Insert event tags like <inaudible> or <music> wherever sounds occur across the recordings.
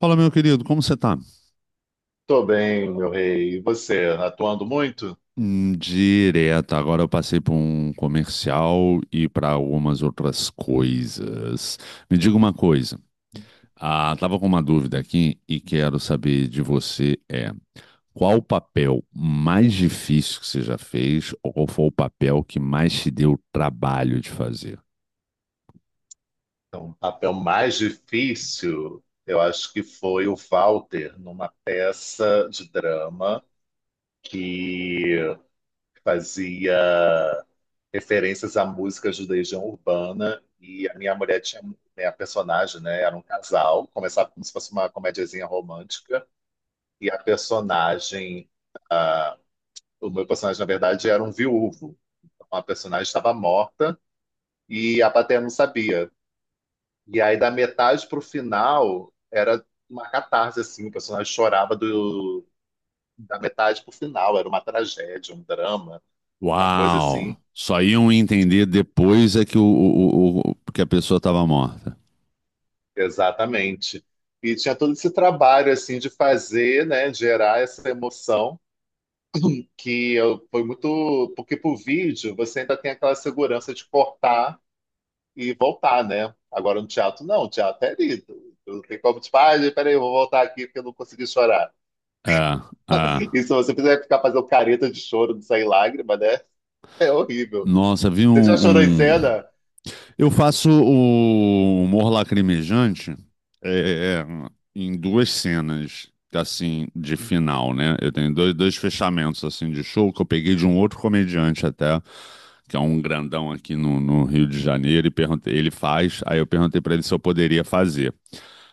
Fala, meu querido, como você tá? Tô bem, meu rei. E você, atuando muito? Direto, agora eu passei por um comercial e para algumas outras coisas. Me diga uma coisa, estava com uma dúvida aqui e quero saber de você qual o papel mais difícil que você já fez ou qual foi o papel que mais te deu trabalho de fazer? Então, o papel mais difícil, eu acho que foi o Walter, numa peça de drama que fazia referências à música de Legião Urbana e a minha mulher tinha, né, a personagem, né, era um casal, começava como se fosse uma comediazinha romântica e a personagem, ah, o meu personagem, na verdade, era um viúvo. Então, a personagem estava morta e a plateia não sabia. E aí, da metade pro final, era uma catarse, assim. O personagem chorava da metade pro final. Era uma tragédia, um drama, uma coisa Uau! assim. Só iam entender depois é que, o- que a pessoa estava morta. Exatamente. E tinha todo esse trabalho, assim, de fazer, né? Gerar essa emoção. Que eu, foi muito... Porque pro vídeo, você ainda tem aquela segurança de cortar e voltar, né? Agora no teatro, não. O teatro é lido. Não tem como, tipo, ah, peraí, eu vou voltar aqui porque eu não consegui chorar. É, é. E se você quiser ficar fazendo careta de choro de sair lágrima, né? É horrível. Nossa, Você já chorou em um- cena? eu faço o humor lacrimejante é, é, é, em duas cenas, assim, de final, né? Eu tenho dois fechamentos, assim, de show que eu peguei de um outro comediante até, que é um grandão aqui no Rio de Janeiro, e perguntei, ele faz, aí eu perguntei pra ele se eu poderia fazer.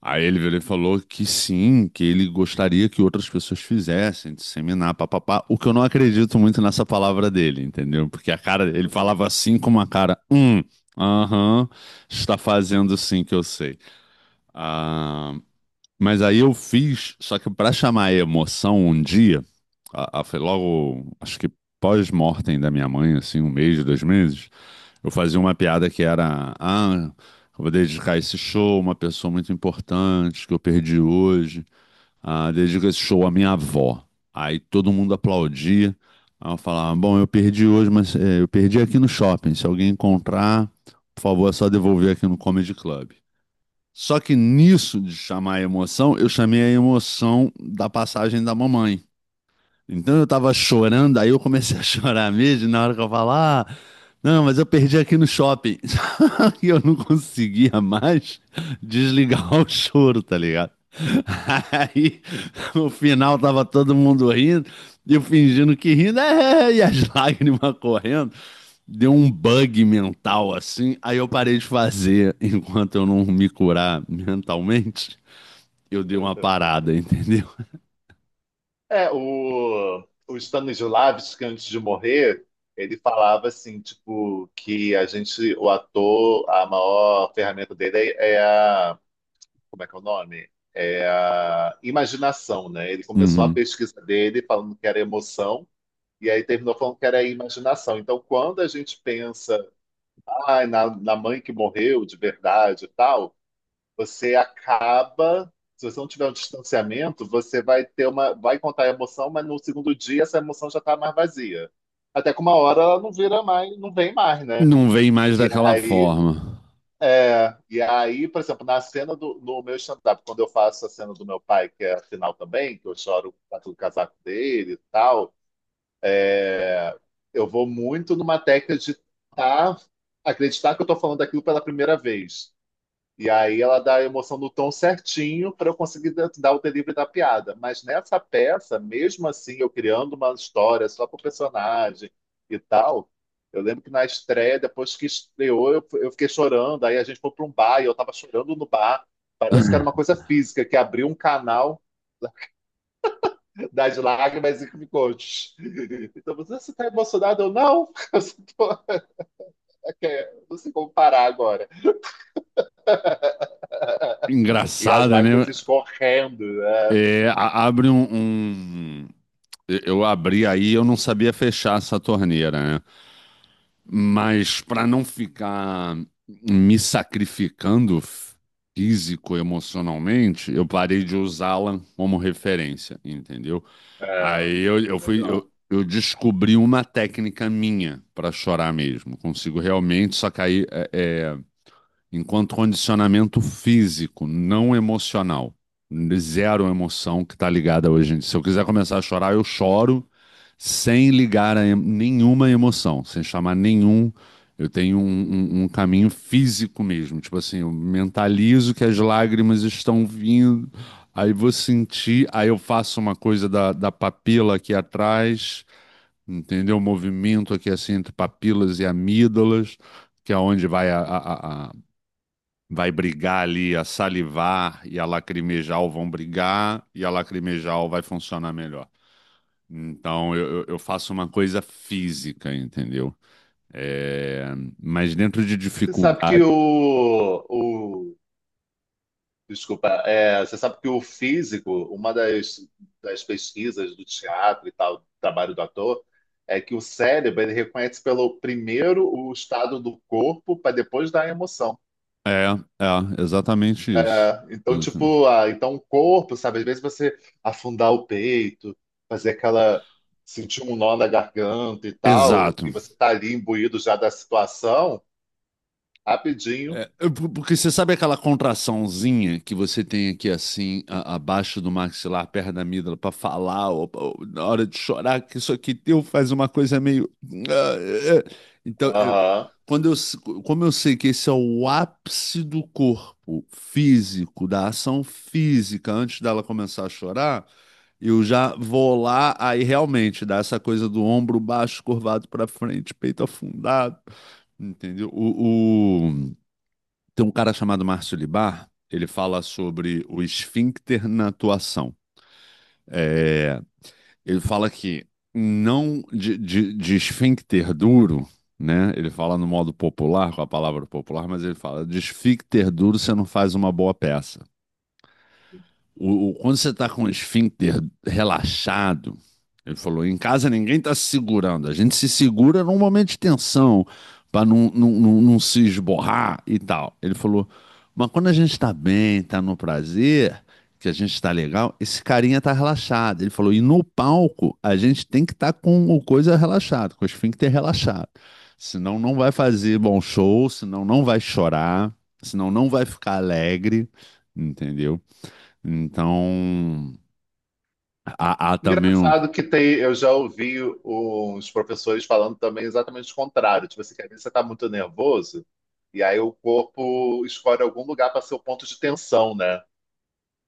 Aí ele virou e falou que sim, que ele gostaria que outras pessoas fizessem, disseminar, papapá. O que eu não acredito muito nessa palavra dele, entendeu? Porque a cara, ele Uhum. falava assim com uma cara, aham, está fazendo sim que eu sei. Ah, mas aí eu fiz, só que para chamar a emoção um dia, foi logo, acho que pós-mortem da minha mãe, assim, um mês, dois meses. Eu fazia uma piada que era, ah, eu vou dedicar esse show a uma pessoa muito importante que eu perdi hoje. Ah, dedico esse show à minha avó. Aí todo mundo aplaudia. Aí eu falava, bom, eu perdi hoje, mas eu perdi aqui no shopping. Se alguém encontrar, por favor, é só devolver aqui no Comedy Club. Só que nisso de chamar a emoção, eu chamei a emoção da passagem da mamãe. Então eu tava chorando, aí eu comecei a <laughs> chorar mesmo, na hora que eu falar, ah, não, mas eu perdi aqui no shopping. <laughs> E eu não conseguia mais desligar o choro, tá ligado? <laughs> Aí no final tava todo mundo rindo, e eu fingindo que rindo, e as <laughs> lágrimas correndo. Deu um bug mental assim, aí eu parei de fazer <laughs> enquanto eu não me curar mentalmente. Eu dei uma parada, <laughs> entendeu? É, o Stanislavski, antes de morrer, ele falava assim, tipo, que a gente, o ator, a maior ferramenta dele é a. Como é que é o nome? É a imaginação, né? Ele começou a Uhum. pesquisa dele falando que era emoção. E aí terminou falando que era imaginação. Então, quando a gente pensa, ah, na mãe que morreu de verdade e tal, você acaba, se você não tiver um distanciamento, você vai ter uma, vai contar a emoção, mas no segundo dia essa emoção já está mais vazia. Até que uma hora ela não vira mais, não vem mais, né? Não vem mais E daquela aí, forma. é, e aí, por exemplo, na cena do no meu stand-up, quando eu faço a cena do meu pai, que é a final também, que eu choro com o casaco dele e tal, é, eu vou muito numa técnica de tá, acreditar que eu estou falando daquilo pela primeira vez. E aí ela dá a emoção no tom certinho para eu conseguir dar o delivery da piada. Mas nessa peça, mesmo assim, eu criando uma história só para o personagem e tal, eu lembro que na estreia, depois que estreou, eu fiquei chorando. Aí a gente foi para um bar e eu estava chorando no bar. Parece que era uma <laughs> coisa física, que abriu um canal das lágrimas e picotes. <laughs> Então, você está emocionado? Eu, não, <laughs> eu só é, não sei como parar agora. E as Engraçada, né? lágrimas escorrendo, né? Abre um- eu abri aí, eu não sabia fechar essa torneira, né? Mas para não ficar me sacrificando físico, emocionalmente, eu parei de usá-la como referência, entendeu? É, Aí eu fui. melhor. Eu descobri uma técnica minha para chorar mesmo. Consigo realmente, só que aí enquanto condicionamento físico, não emocional. Zero emoção que está ligada hoje em dia. Se eu quiser começar a chorar, eu choro sem ligar nenhuma emoção, sem chamar nenhum. Eu tenho um caminho físico mesmo. Tipo assim, eu mentalizo que as lágrimas estão vindo, aí vou sentir, aí eu faço uma coisa da papila aqui atrás, entendeu? O movimento aqui assim entre papilas e amígdalas que é onde vai vai brigar ali, a salivar e a lacrimejal vão brigar e a lacrimejal vai funcionar melhor. Então eu faço uma coisa física, entendeu? É, mas dentro de Você sabe que dificuldade. O desculpa, é, você sabe que o físico, uma das pesquisas do teatro e tal, do trabalho do ator, é que o cérebro ele reconhece pelo primeiro o estado do corpo para depois dar a emoção. É, é, exatamente isso. É, então, Exatamente. tipo, ah, então o corpo, sabe, às vezes você afundar o peito, fazer aquela, sentir um nó na garganta e tal, Exato. e você tá ali imbuído já da situação, rapidinho. Porque você sabe aquela contraçãozinha que você tem aqui assim, abaixo do maxilar, perto da amígdala, pra falar, ou na hora de chorar, que isso aqui teu faz uma coisa meio. Ah, é, é. Então, eu- quando eu, s- Como eu sei que esse é o ápice do corpo físico, da ação física, antes dela começar a chorar, eu já vou lá, aí realmente dá essa coisa do ombro baixo, curvado pra frente, peito afundado, entendeu? Tem um cara chamado Márcio Libar, ele fala sobre o esfíncter na atuação. É, ele fala que não de esfíncter duro, né? Ele fala no modo popular, com a palavra popular, mas ele fala de esfíncter duro você não faz uma boa peça. Quando você está com o esfíncter relaxado, ele falou, em casa ninguém está se segurando. A gente se segura num momento de tensão, para não se esborrar e tal. Ele falou, mas quando a gente está bem, está no prazer, que a gente está legal, esse carinha está relaxado. Ele falou, e no palco a gente tem que estar com o coisa relaxado, com o esfíncter relaxado. Senão não vai fazer bom show, senão não vai chorar, senão não vai ficar alegre, entendeu? Então, há também um. Engraçado que tem, eu já ouvi uns professores falando também exatamente o contrário. Tipo assim, que às vezes você está muito nervoso e aí o corpo escolhe algum lugar para ser o ponto de tensão, né?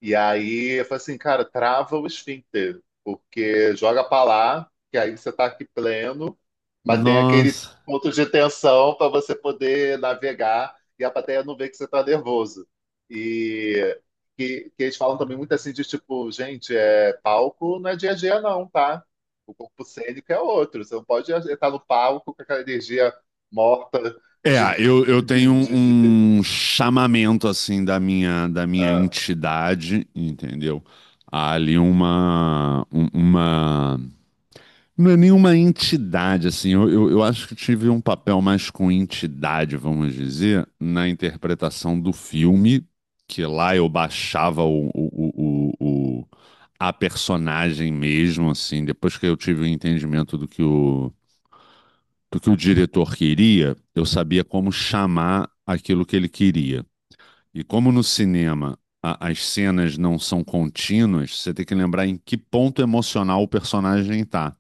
E aí eu falei assim, cara, trava o esfíncter, porque joga pra lá, que aí você tá aqui pleno, mas tem aquele Nossa. ponto de tensão para você poder navegar e a plateia não vê que você tá nervoso. E que eles falam também muito assim de tipo, gente, é palco não é dia a dia não, tá? O corpo cênico é outro, você não pode estar no palco com aquela energia morta É, de, eu, <laughs> eu tenho de, de- de- um chamamento assim da minha ah. entidade, entendeu? Há ali uma um- uma Não é nenhuma entidade, assim. Eu acho que tive um papel mais com entidade, vamos dizer, na interpretação do filme, que lá eu baixava a personagem mesmo, assim. Depois que eu tive o entendimento do que o diretor queria, eu sabia como chamar aquilo que ele queria. E como no cinema as cenas não são contínuas, você tem que lembrar em que ponto emocional o personagem está.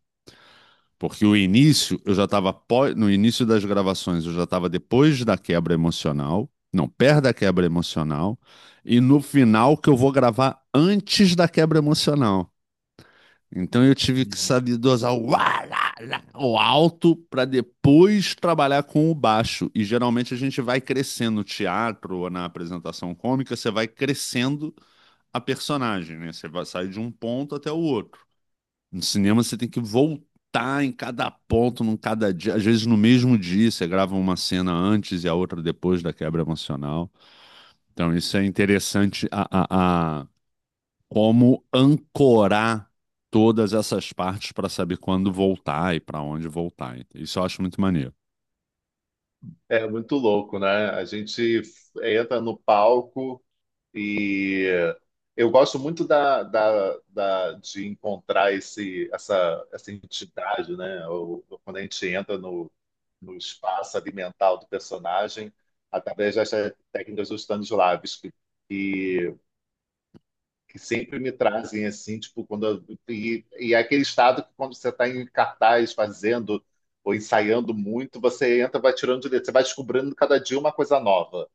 Porque o início, eu já estava no início das gravações, eu já estava depois da quebra emocional, não, perto da quebra emocional, e no final que eu vou gravar antes da quebra emocional. Então eu tive que saber dosar o, uá, lá, lá, o alto para depois trabalhar com o baixo. E geralmente a gente vai crescendo no teatro ou na apresentação cômica, você vai crescendo a personagem, né? Você vai sair de um ponto até o outro. No cinema você tem que voltar em cada ponto, num cada dia, às vezes no mesmo dia você grava uma cena antes e a outra depois da quebra emocional. Então isso é interessante a como ancorar todas essas partes para saber quando voltar e para onde voltar. Isso eu acho muito maneiro. É muito louco, né? A gente entra no palco e eu gosto muito de encontrar essa entidade, né? Ou Quando a gente entra no espaço ali mental do personagem, através dessas técnicas dos Stanislavski que sempre me trazem assim, tipo, e é aquele estado que quando você está em cartaz fazendo ou ensaiando muito, você entra, vai tirando de letra, você vai descobrindo cada dia uma coisa nova.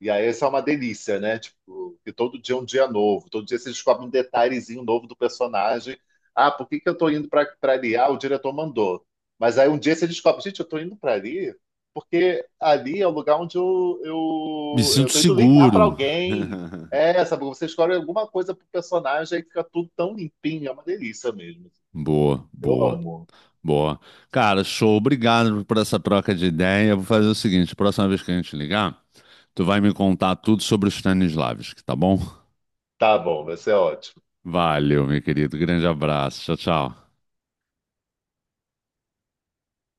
E aí isso é uma delícia, né? Tipo, que todo dia é um dia novo, todo dia você descobre um detalhezinho novo do personagem. Ah, por que que eu tô indo pra ali? Ah, o diretor mandou. Mas aí um dia você descobre, gente, eu tô indo pra ali porque ali é o lugar onde Me eu sinto tô indo ligar pra seguro. <laughs> alguém. É, sabe? Você escolhe alguma coisa pro personagem e fica tudo tão limpinho, é uma delícia mesmo. Boa, Eu boa. amo. Boa. Cara, show. Obrigado por essa troca de ideia. Vou fazer o seguinte: próxima vez que a gente ligar, tu vai me contar tudo sobre os Stanislavski, tá bom? Tá bom, vai ser ótimo. Valeu, meu querido. Grande abraço. Tchau, tchau.